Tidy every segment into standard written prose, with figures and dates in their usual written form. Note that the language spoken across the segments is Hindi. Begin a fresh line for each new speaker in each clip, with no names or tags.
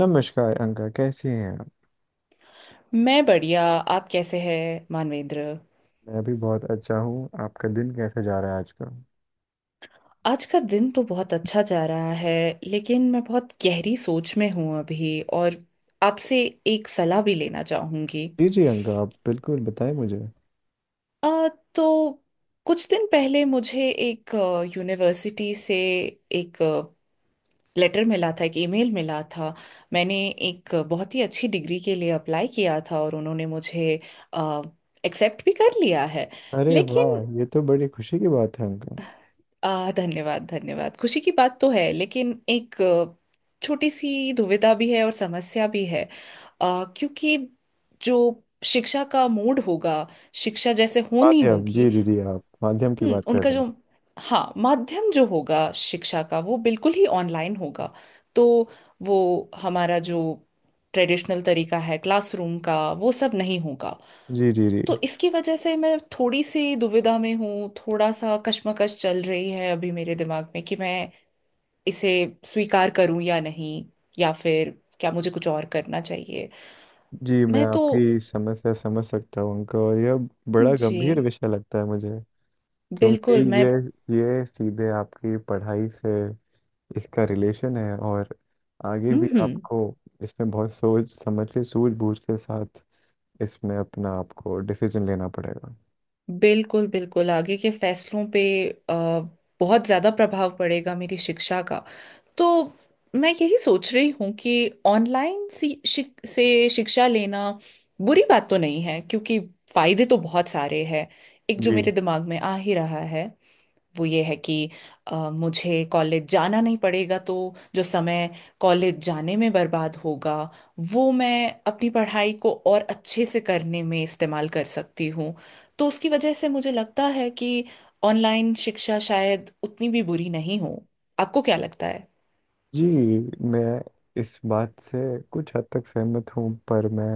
नमस्कार अंका, कैसी हैं आप।
मैं बढ़िया। आप कैसे हैं मानवेंद्र?
मैं भी बहुत अच्छा हूँ, आपका दिन कैसा जा रहा है आज का।
आज का दिन तो बहुत अच्छा जा रहा है, लेकिन मैं बहुत गहरी सोच में हूँ अभी, और आपसे एक सलाह भी लेना चाहूँगी।
जी जी अंका, आप बिल्कुल बताएं मुझे।
आ, तो कुछ दिन पहले मुझे एक यूनिवर्सिटी से एक लेटर मिला था, एक ईमेल मिला था। मैंने एक बहुत ही अच्छी डिग्री के लिए अप्लाई किया था, और उन्होंने मुझे एक्सेप्ट भी कर लिया है।
अरे
लेकिन
वाह, ये तो बड़ी खुशी की बात है अंका।
धन्यवाद, धन्यवाद। खुशी की बात तो है, लेकिन एक छोटी सी दुविधा भी है और समस्या भी है। क्योंकि जो शिक्षा का मूड होगा, शिक्षा जैसे होनी
माध्यम,
होगी।
जी जी जी आप माध्यम की बात कर
उनका
रहे
जो
हैं।
हाँ, माध्यम जो होगा शिक्षा का वो बिल्कुल ही ऑनलाइन होगा। तो वो हमारा जो ट्रेडिशनल तरीका है क्लासरूम का, वो सब नहीं होगा।
जी।
तो इसकी वजह से मैं थोड़ी सी दुविधा में हूँ, थोड़ा सा कश्मकश चल रही है अभी मेरे दिमाग में, कि मैं इसे स्वीकार करूँ या नहीं, या फिर क्या मुझे कुछ और करना चाहिए।
जी मैं
मैं तो।
आपकी समस्या समझ सकता हूँ अंका, और यह बड़ा
जी।
गंभीर विषय लगता है मुझे, क्योंकि
बिल्कुल। मैं।
ये ये सीधे आपकी पढ़ाई से इसका रिलेशन है, और आगे
हम्म।
भी
हम्म।
आपको इसमें बहुत सोच समझ के, सूझबूझ के साथ इसमें अपना आपको डिसीजन लेना पड़ेगा।
बिल्कुल बिल्कुल, आगे के फैसलों पे अ, बहुत ज़्यादा प्रभाव पड़ेगा मेरी शिक्षा का। तो मैं यही सोच रही हूँ कि ऑनलाइन से शिक्षा लेना बुरी बात तो नहीं है, क्योंकि फायदे तो बहुत सारे हैं। एक जो मेरे
जी
दिमाग में आ ही रहा है, वो ये है कि मुझे कॉलेज जाना नहीं पड़ेगा, तो जो समय कॉलेज जाने में बर्बाद होगा वो मैं अपनी पढ़ाई को और अच्छे से करने में इस्तेमाल कर सकती हूँ। तो उसकी वजह से मुझे लगता है कि ऑनलाइन शिक्षा शायद उतनी भी बुरी नहीं हो। आपको क्या लगता है?
जी मैं इस बात से कुछ हद तक सहमत हूँ, पर मैं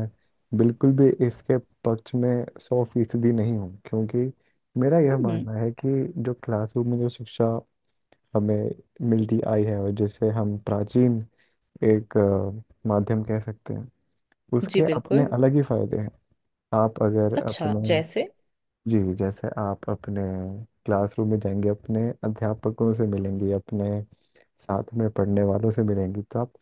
बिल्कुल भी इसके पक्ष में सौ फीसदी नहीं हूँ, क्योंकि मेरा यह
हम्म।
मानना है कि जो क्लासरूम में जो शिक्षा हमें मिलती आई है, और जिसे हम प्राचीन एक माध्यम कह सकते हैं,
जी।
उसके अपने
बिल्कुल।
अलग ही फायदे हैं। आप अगर
अच्छा
अपने,
जैसे
जी जैसे आप अपने क्लासरूम में जाएंगे, अपने अध्यापकों से मिलेंगे, अपने साथ में पढ़ने वालों से मिलेंगी, तो आप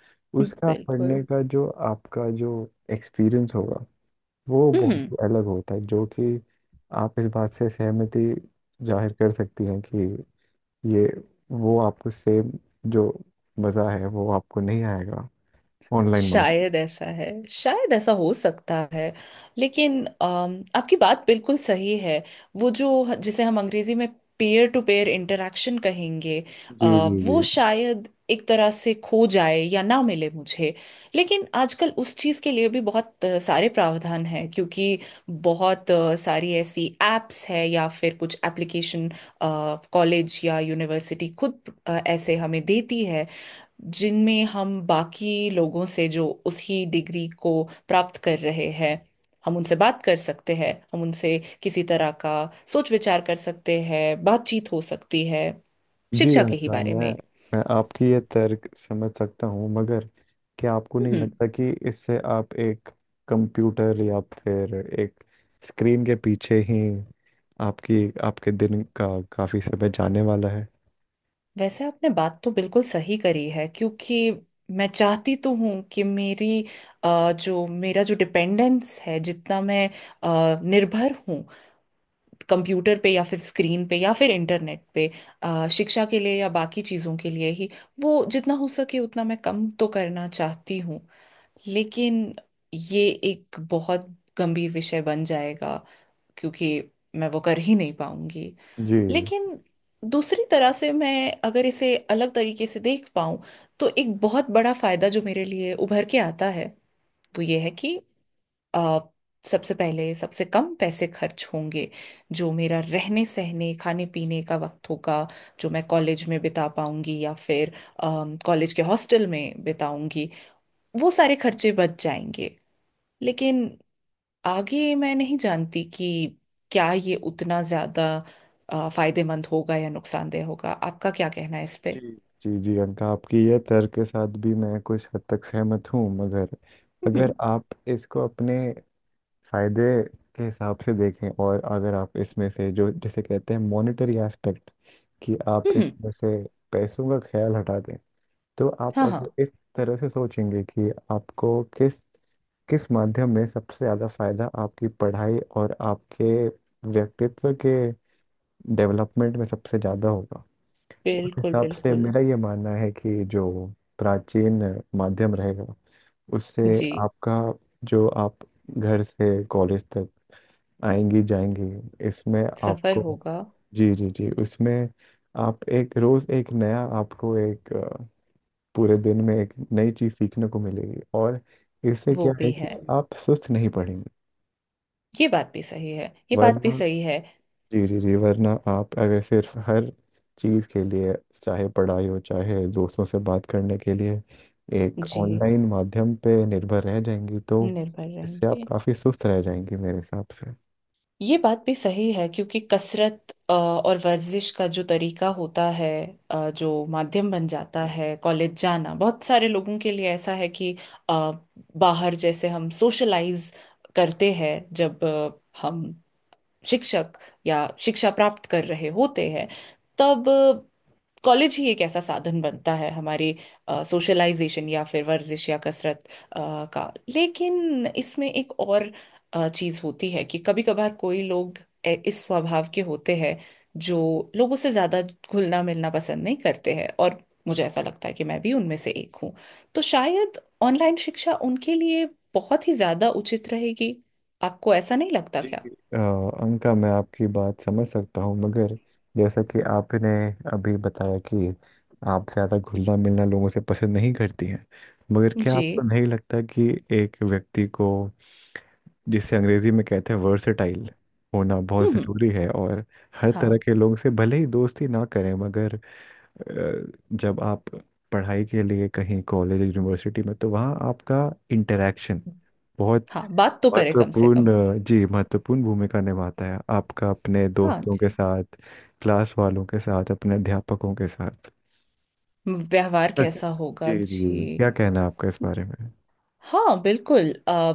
उसका
बिल्कुल।
पढ़ने का जो आपका जो एक्सपीरियंस होगा, वो
हम्म।
बहुत अलग होता है। जो कि आप इस बात से सहमति जाहिर कर सकती हैं कि ये वो आपको सेम जो मज़ा है वो आपको नहीं आएगा ऑनलाइन मार्केट।
शायद ऐसा है, शायद ऐसा हो सकता है। लेकिन आपकी बात बिल्कुल सही है। वो जो, जिसे हम अंग्रेजी में पेयर टू पेयर इंटरेक्शन कहेंगे, अ,
जी।
वो शायद एक तरह से खो जाए या ना मिले मुझे। लेकिन आजकल उस चीज़ के लिए भी बहुत सारे प्रावधान हैं, क्योंकि बहुत सारी ऐसी एप्स है या फिर कुछ एप्लीकेशन कॉलेज या यूनिवर्सिटी खुद ऐसे हमें देती है, जिनमें हम बाकी लोगों से जो उसी डिग्री को प्राप्त कर रहे हैं हम उनसे बात कर सकते हैं, हम उनसे किसी तरह का सोच विचार कर सकते हैं, बातचीत हो सकती है
जी
शिक्षा के ही
आशा,
बारे
मैं
में।
मैं आपकी ये तर्क समझ सकता हूँ, मगर क्या आपको नहीं
हम्म।
लगता कि इससे आप एक कंप्यूटर या फिर एक स्क्रीन के पीछे ही आपकी आपके दिन का काफ़ी समय जाने वाला है।
वैसे आपने बात तो बिल्कुल सही करी है, क्योंकि मैं चाहती तो हूँ कि मेरी जो मेरा जो डिपेंडेंस है, जितना मैं निर्भर हूँ कंप्यूटर पे या फिर स्क्रीन पे या फिर इंटरनेट पे, शिक्षा के लिए या बाकी चीज़ों के लिए ही, वो जितना हो सके उतना मैं कम तो करना चाहती हूँ। लेकिन ये एक बहुत गंभीर विषय बन जाएगा, क्योंकि मैं वो कर ही नहीं पाऊंगी।
जी
लेकिन दूसरी तरह से मैं अगर इसे अलग तरीके से देख पाऊं, तो एक बहुत बड़ा फायदा जो मेरे लिए उभर के आता है वो ये है कि अ, सबसे पहले सबसे कम पैसे खर्च होंगे। जो मेरा रहने सहने खाने पीने का वक्त होगा जो मैं कॉलेज में बिता पाऊंगी या फिर कॉलेज के हॉस्टल में बिताऊंगी, वो सारे खर्चे बच जाएंगे। लेकिन आगे मैं नहीं जानती कि क्या ये उतना ज्यादा फायदेमंद होगा या नुकसानदेह होगा। आपका क्या कहना है इस पे?
जी जी जी अंका, आपकी ये तर्क के साथ भी मैं कुछ हद तक सहमत हूँ, मगर अगर
हम्म।
आप इसको अपने फायदे के हिसाब से देखें, और अगर आप इसमें से जो जिसे कहते हैं मॉनेटरी एस्पेक्ट, कि आप
हम्म।
इसमें से पैसों का ख्याल हटा दें, तो आप
हाँ, हाँ।
अगर इस तरह से सोचेंगे कि आपको किस किस माध्यम में सबसे ज़्यादा फायदा, आपकी पढ़ाई और आपके व्यक्तित्व के डेवलपमेंट में सबसे ज़्यादा होगा, उस
बिल्कुल
हिसाब से
बिल्कुल।
मेरा ये मानना है कि जो प्राचीन माध्यम रहेगा उससे
जी।
आपका, जो आप घर से कॉलेज तक आएंगी जाएंगी, इसमें
सफर
आपको,
होगा।
जी जी जी उसमें आप एक रोज एक नया, आपको एक पूरे दिन में एक नई चीज सीखने को मिलेगी, और इससे
वो
क्या
भी
है कि
है,
आप सुस्त नहीं पड़ेंगे।
ये बात भी सही है, ये बात भी
वरना,
सही है।
जी जी जी वरना आप अगर सिर्फ हर चीज के लिए, चाहे पढ़ाई हो चाहे दोस्तों से बात करने के लिए, एक
जी।
ऑनलाइन माध्यम पे निर्भर रह जाएंगी, तो
निर्भर
इससे आप
रहेंगे।
काफी सुस्त रह जाएंगी मेरे हिसाब से।
ये बात भी सही है, क्योंकि कसरत और वर्जिश का जो तरीका होता है, जो माध्यम बन जाता है कॉलेज जाना बहुत सारे लोगों के लिए, ऐसा है कि अ, बाहर जैसे हम सोशलाइज करते हैं, जब हम शिक्षक या शिक्षा प्राप्त कर रहे होते हैं, तब कॉलेज ही एक ऐसा साधन बनता है हमारी सोशलाइजेशन या फिर वर्जिश या कसरत अ, का। लेकिन इसमें एक और चीज होती है कि कभी कभार कोई लोग इस स्वभाव के होते हैं जो लोगों से ज्यादा घुलना मिलना पसंद नहीं करते हैं, और मुझे ऐसा लगता है कि मैं भी उनमें से एक हूँ। तो शायद ऑनलाइन शिक्षा उनके लिए बहुत ही ज्यादा उचित रहेगी। आपको ऐसा नहीं लगता
जी
क्या?
अ, अंका मैं आपकी बात समझ सकता हूँ, मगर जैसा कि आपने अभी बताया कि आप ज़्यादा घुलना मिलना लोगों से पसंद नहीं करती हैं, मगर क्या
जी।
आपको नहीं लगता कि एक व्यक्ति को, जिसे अंग्रेजी में कहते हैं वर्सेटाइल, होना बहुत
हम्म।
ज़रूरी है, और हर
हाँ,
तरह के लोगों से भले ही दोस्ती ना करें, मगर अ, जब आप पढ़ाई के लिए कहीं कॉलेज यूनिवर्सिटी में, तो वहाँ आपका इंटरेक्शन बहुत
हाँ, बात तो करे कम से कम।
महत्वपूर्ण, जी महत्वपूर्ण भूमिका निभाता है, आपका अपने
हाँ,
दोस्तों के
जी।
साथ, क्लास वालों के साथ, अपने अध्यापकों के साथ।
व्यवहार
अच्छा।
कैसा होगा
जी जी जी।
जी?
क्या कहना है आपका इस बारे में।
हाँ बिल्कुल,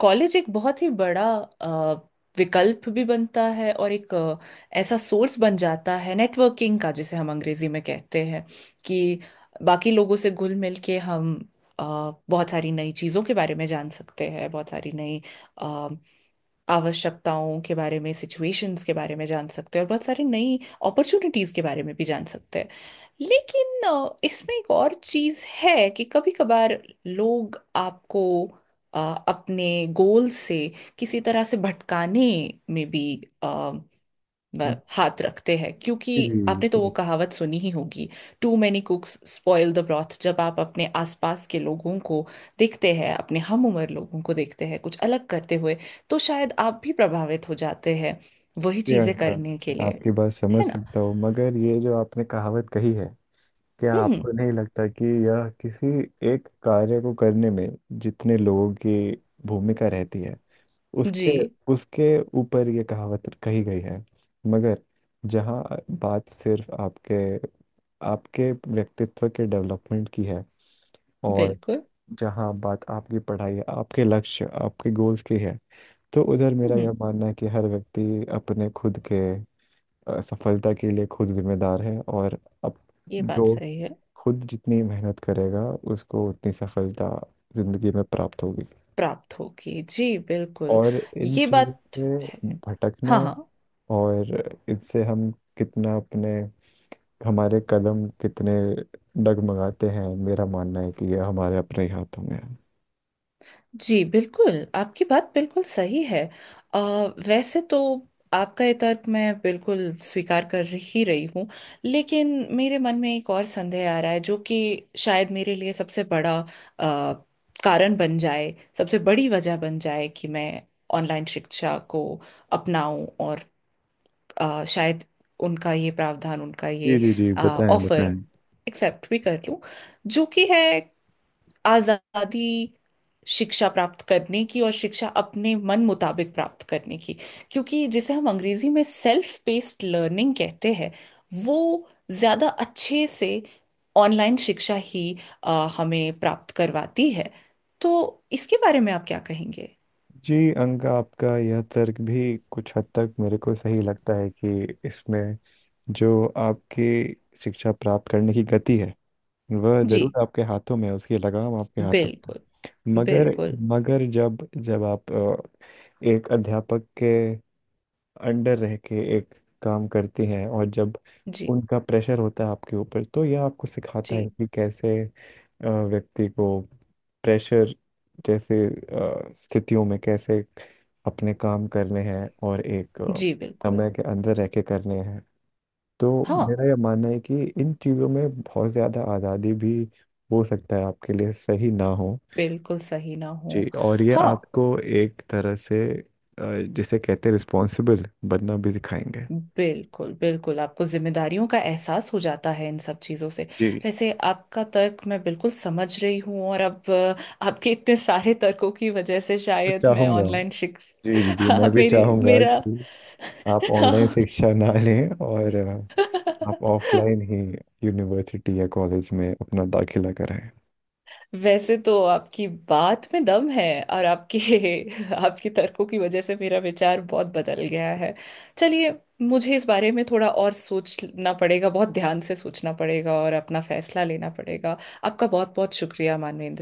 कॉलेज एक बहुत ही बड़ा आ, विकल्प भी बनता है, और एक ऐसा सोर्स बन जाता है नेटवर्किंग का, जिसे हम अंग्रेजी में कहते हैं, कि बाकी लोगों से घुल मिल के हम अ, बहुत सारी नई चीज़ों के बारे में जान सकते हैं, बहुत सारी नई आवश्यकताओं के बारे में, सिचुएशंस के बारे में जान सकते हैं, और बहुत सारी नई अपॉर्चुनिटीज के बारे में भी जान सकते हैं। लेकिन इसमें एक और चीज है कि कभी कभार लोग आपको अ, अपने गोल से किसी तरह से भटकाने में भी वह
जी
हाथ रखते हैं, क्योंकि
जी
आपने तो वो
जी
कहावत सुनी ही होगी, too many cooks spoil the broth. जब आप अपने आसपास के लोगों को देखते हैं, अपने हम उम्र लोगों को देखते हैं कुछ अलग करते हुए, तो शायद आप भी प्रभावित हो जाते हैं वही
जी
चीजें
अंका,
करने के
मैं
लिए।
आपकी बात
है
समझ
ना?
सकता हूँ, मगर ये जो आपने कहावत कही है, क्या
हम्म।
आपको नहीं लगता कि यह किसी एक कार्य को करने में जितने लोगों की भूमिका रहती है,
जी
उसके उसके ऊपर ये कहावत कही गई है, मगर जहाँ बात सिर्फ आपके आपके व्यक्तित्व के डेवलपमेंट की है, और
बिल्कुल।
जहाँ बात आपकी पढ़ाई है, आपके लक्ष्य आपके गोल्स की है, तो उधर मेरा
हम्म।
यह मानना है कि हर व्यक्ति अपने खुद के सफलता के लिए खुद जिम्मेदार है, और अब
ये बात
जो
सही है।
खुद जितनी मेहनत करेगा उसको उतनी सफलता जिंदगी में प्राप्त होगी,
प्राप्त होगी, जी बिल्कुल।
और इन
ये
चीज़ों
बात है।
से भटकना,
हाँ, हाँ।
और इससे हम कितना अपने, हमारे कदम कितने डगमगाते हैं, मेरा मानना है कि यह हमारे अपने ही हाथों में है।
जी बिल्कुल, आपकी बात बिल्कुल सही है। अ, वैसे तो आपका ये तर्क मैं बिल्कुल स्वीकार कर ही रही हूँ, लेकिन मेरे मन में एक और संदेह आ रहा है, जो कि शायद मेरे लिए सबसे बड़ा कारण बन जाए, सबसे बड़ी वजह बन जाए कि मैं ऑनलाइन शिक्षा को अपनाऊं, और शायद उनका ये प्रावधान, उनका
जी
ये
जी जी बताएं
ऑफर
बताएं।
एक्सेप्ट भी कर लूं, जो कि है आजादी, शिक्षा प्राप्त करने की और शिक्षा अपने मन मुताबिक प्राप्त करने की, क्योंकि जिसे हम अंग्रेजी में सेल्फ पेस्ड लर्निंग कहते हैं, वो ज्यादा अच्छे से ऑनलाइन शिक्षा ही हमें प्राप्त करवाती है। तो इसके बारे में आप क्या कहेंगे?
जी अंका, आपका यह तर्क भी कुछ हद तक मेरे को सही लगता है, कि इसमें जो आपकी शिक्षा प्राप्त करने की गति है, वह
जी
जरूर आपके हाथों में है, उसकी लगाम आपके हाथों में
बिल्कुल,
है। मगर
बिल्कुल।
मगर जब जब आप एक अध्यापक के अंडर रह के एक काम करती हैं, और जब
जी।
उनका प्रेशर होता है आपके ऊपर, तो यह आपको सिखाता है
जी।
कि कैसे व्यक्ति को प्रेशर जैसे स्थितियों में कैसे अपने काम करने हैं, और एक
जी बिल्कुल।
समय के अंदर रह के करने हैं। तो
हाँ।
मेरा यह मानना है कि इन चीज़ों में बहुत ज़्यादा आज़ादी भी, हो सकता है आपके लिए सही ना हो।
बिल्कुल सही ना
जी,
हो।
और ये
हाँ।
आपको एक तरह से अ, जिसे कहते हैं रिस्पॉन्सिबल बनना भी सिखाएंगे।
बिल्कुल बिल्कुल, आपको जिम्मेदारियों का एहसास हो जाता है इन सब चीजों से।
जी
वैसे आपका तर्क मैं बिल्कुल समझ रही हूँ, और अब आपके इतने सारे तर्कों की वजह से
मैं
शायद मैं
चाहूंगा,
ऑनलाइन शिक्षा
जी जी जी मैं
हाँ
भी
मेरे
चाहूंगा
मेरा
कि आप ऑनलाइन शिक्षा ना लें, और आप ऑफलाइन ही यूनिवर्सिटी या कॉलेज में अपना दाखिला कराएं।
वैसे तो आपकी बात में दम है, और आपके आपके तर्कों की वजह से मेरा विचार बहुत बदल गया है। चलिए, मुझे इस बारे में थोड़ा और सोचना पड़ेगा, बहुत ध्यान से सोचना पड़ेगा और अपना फैसला लेना पड़ेगा। आपका बहुत बहुत शुक्रिया मानवेंद्र।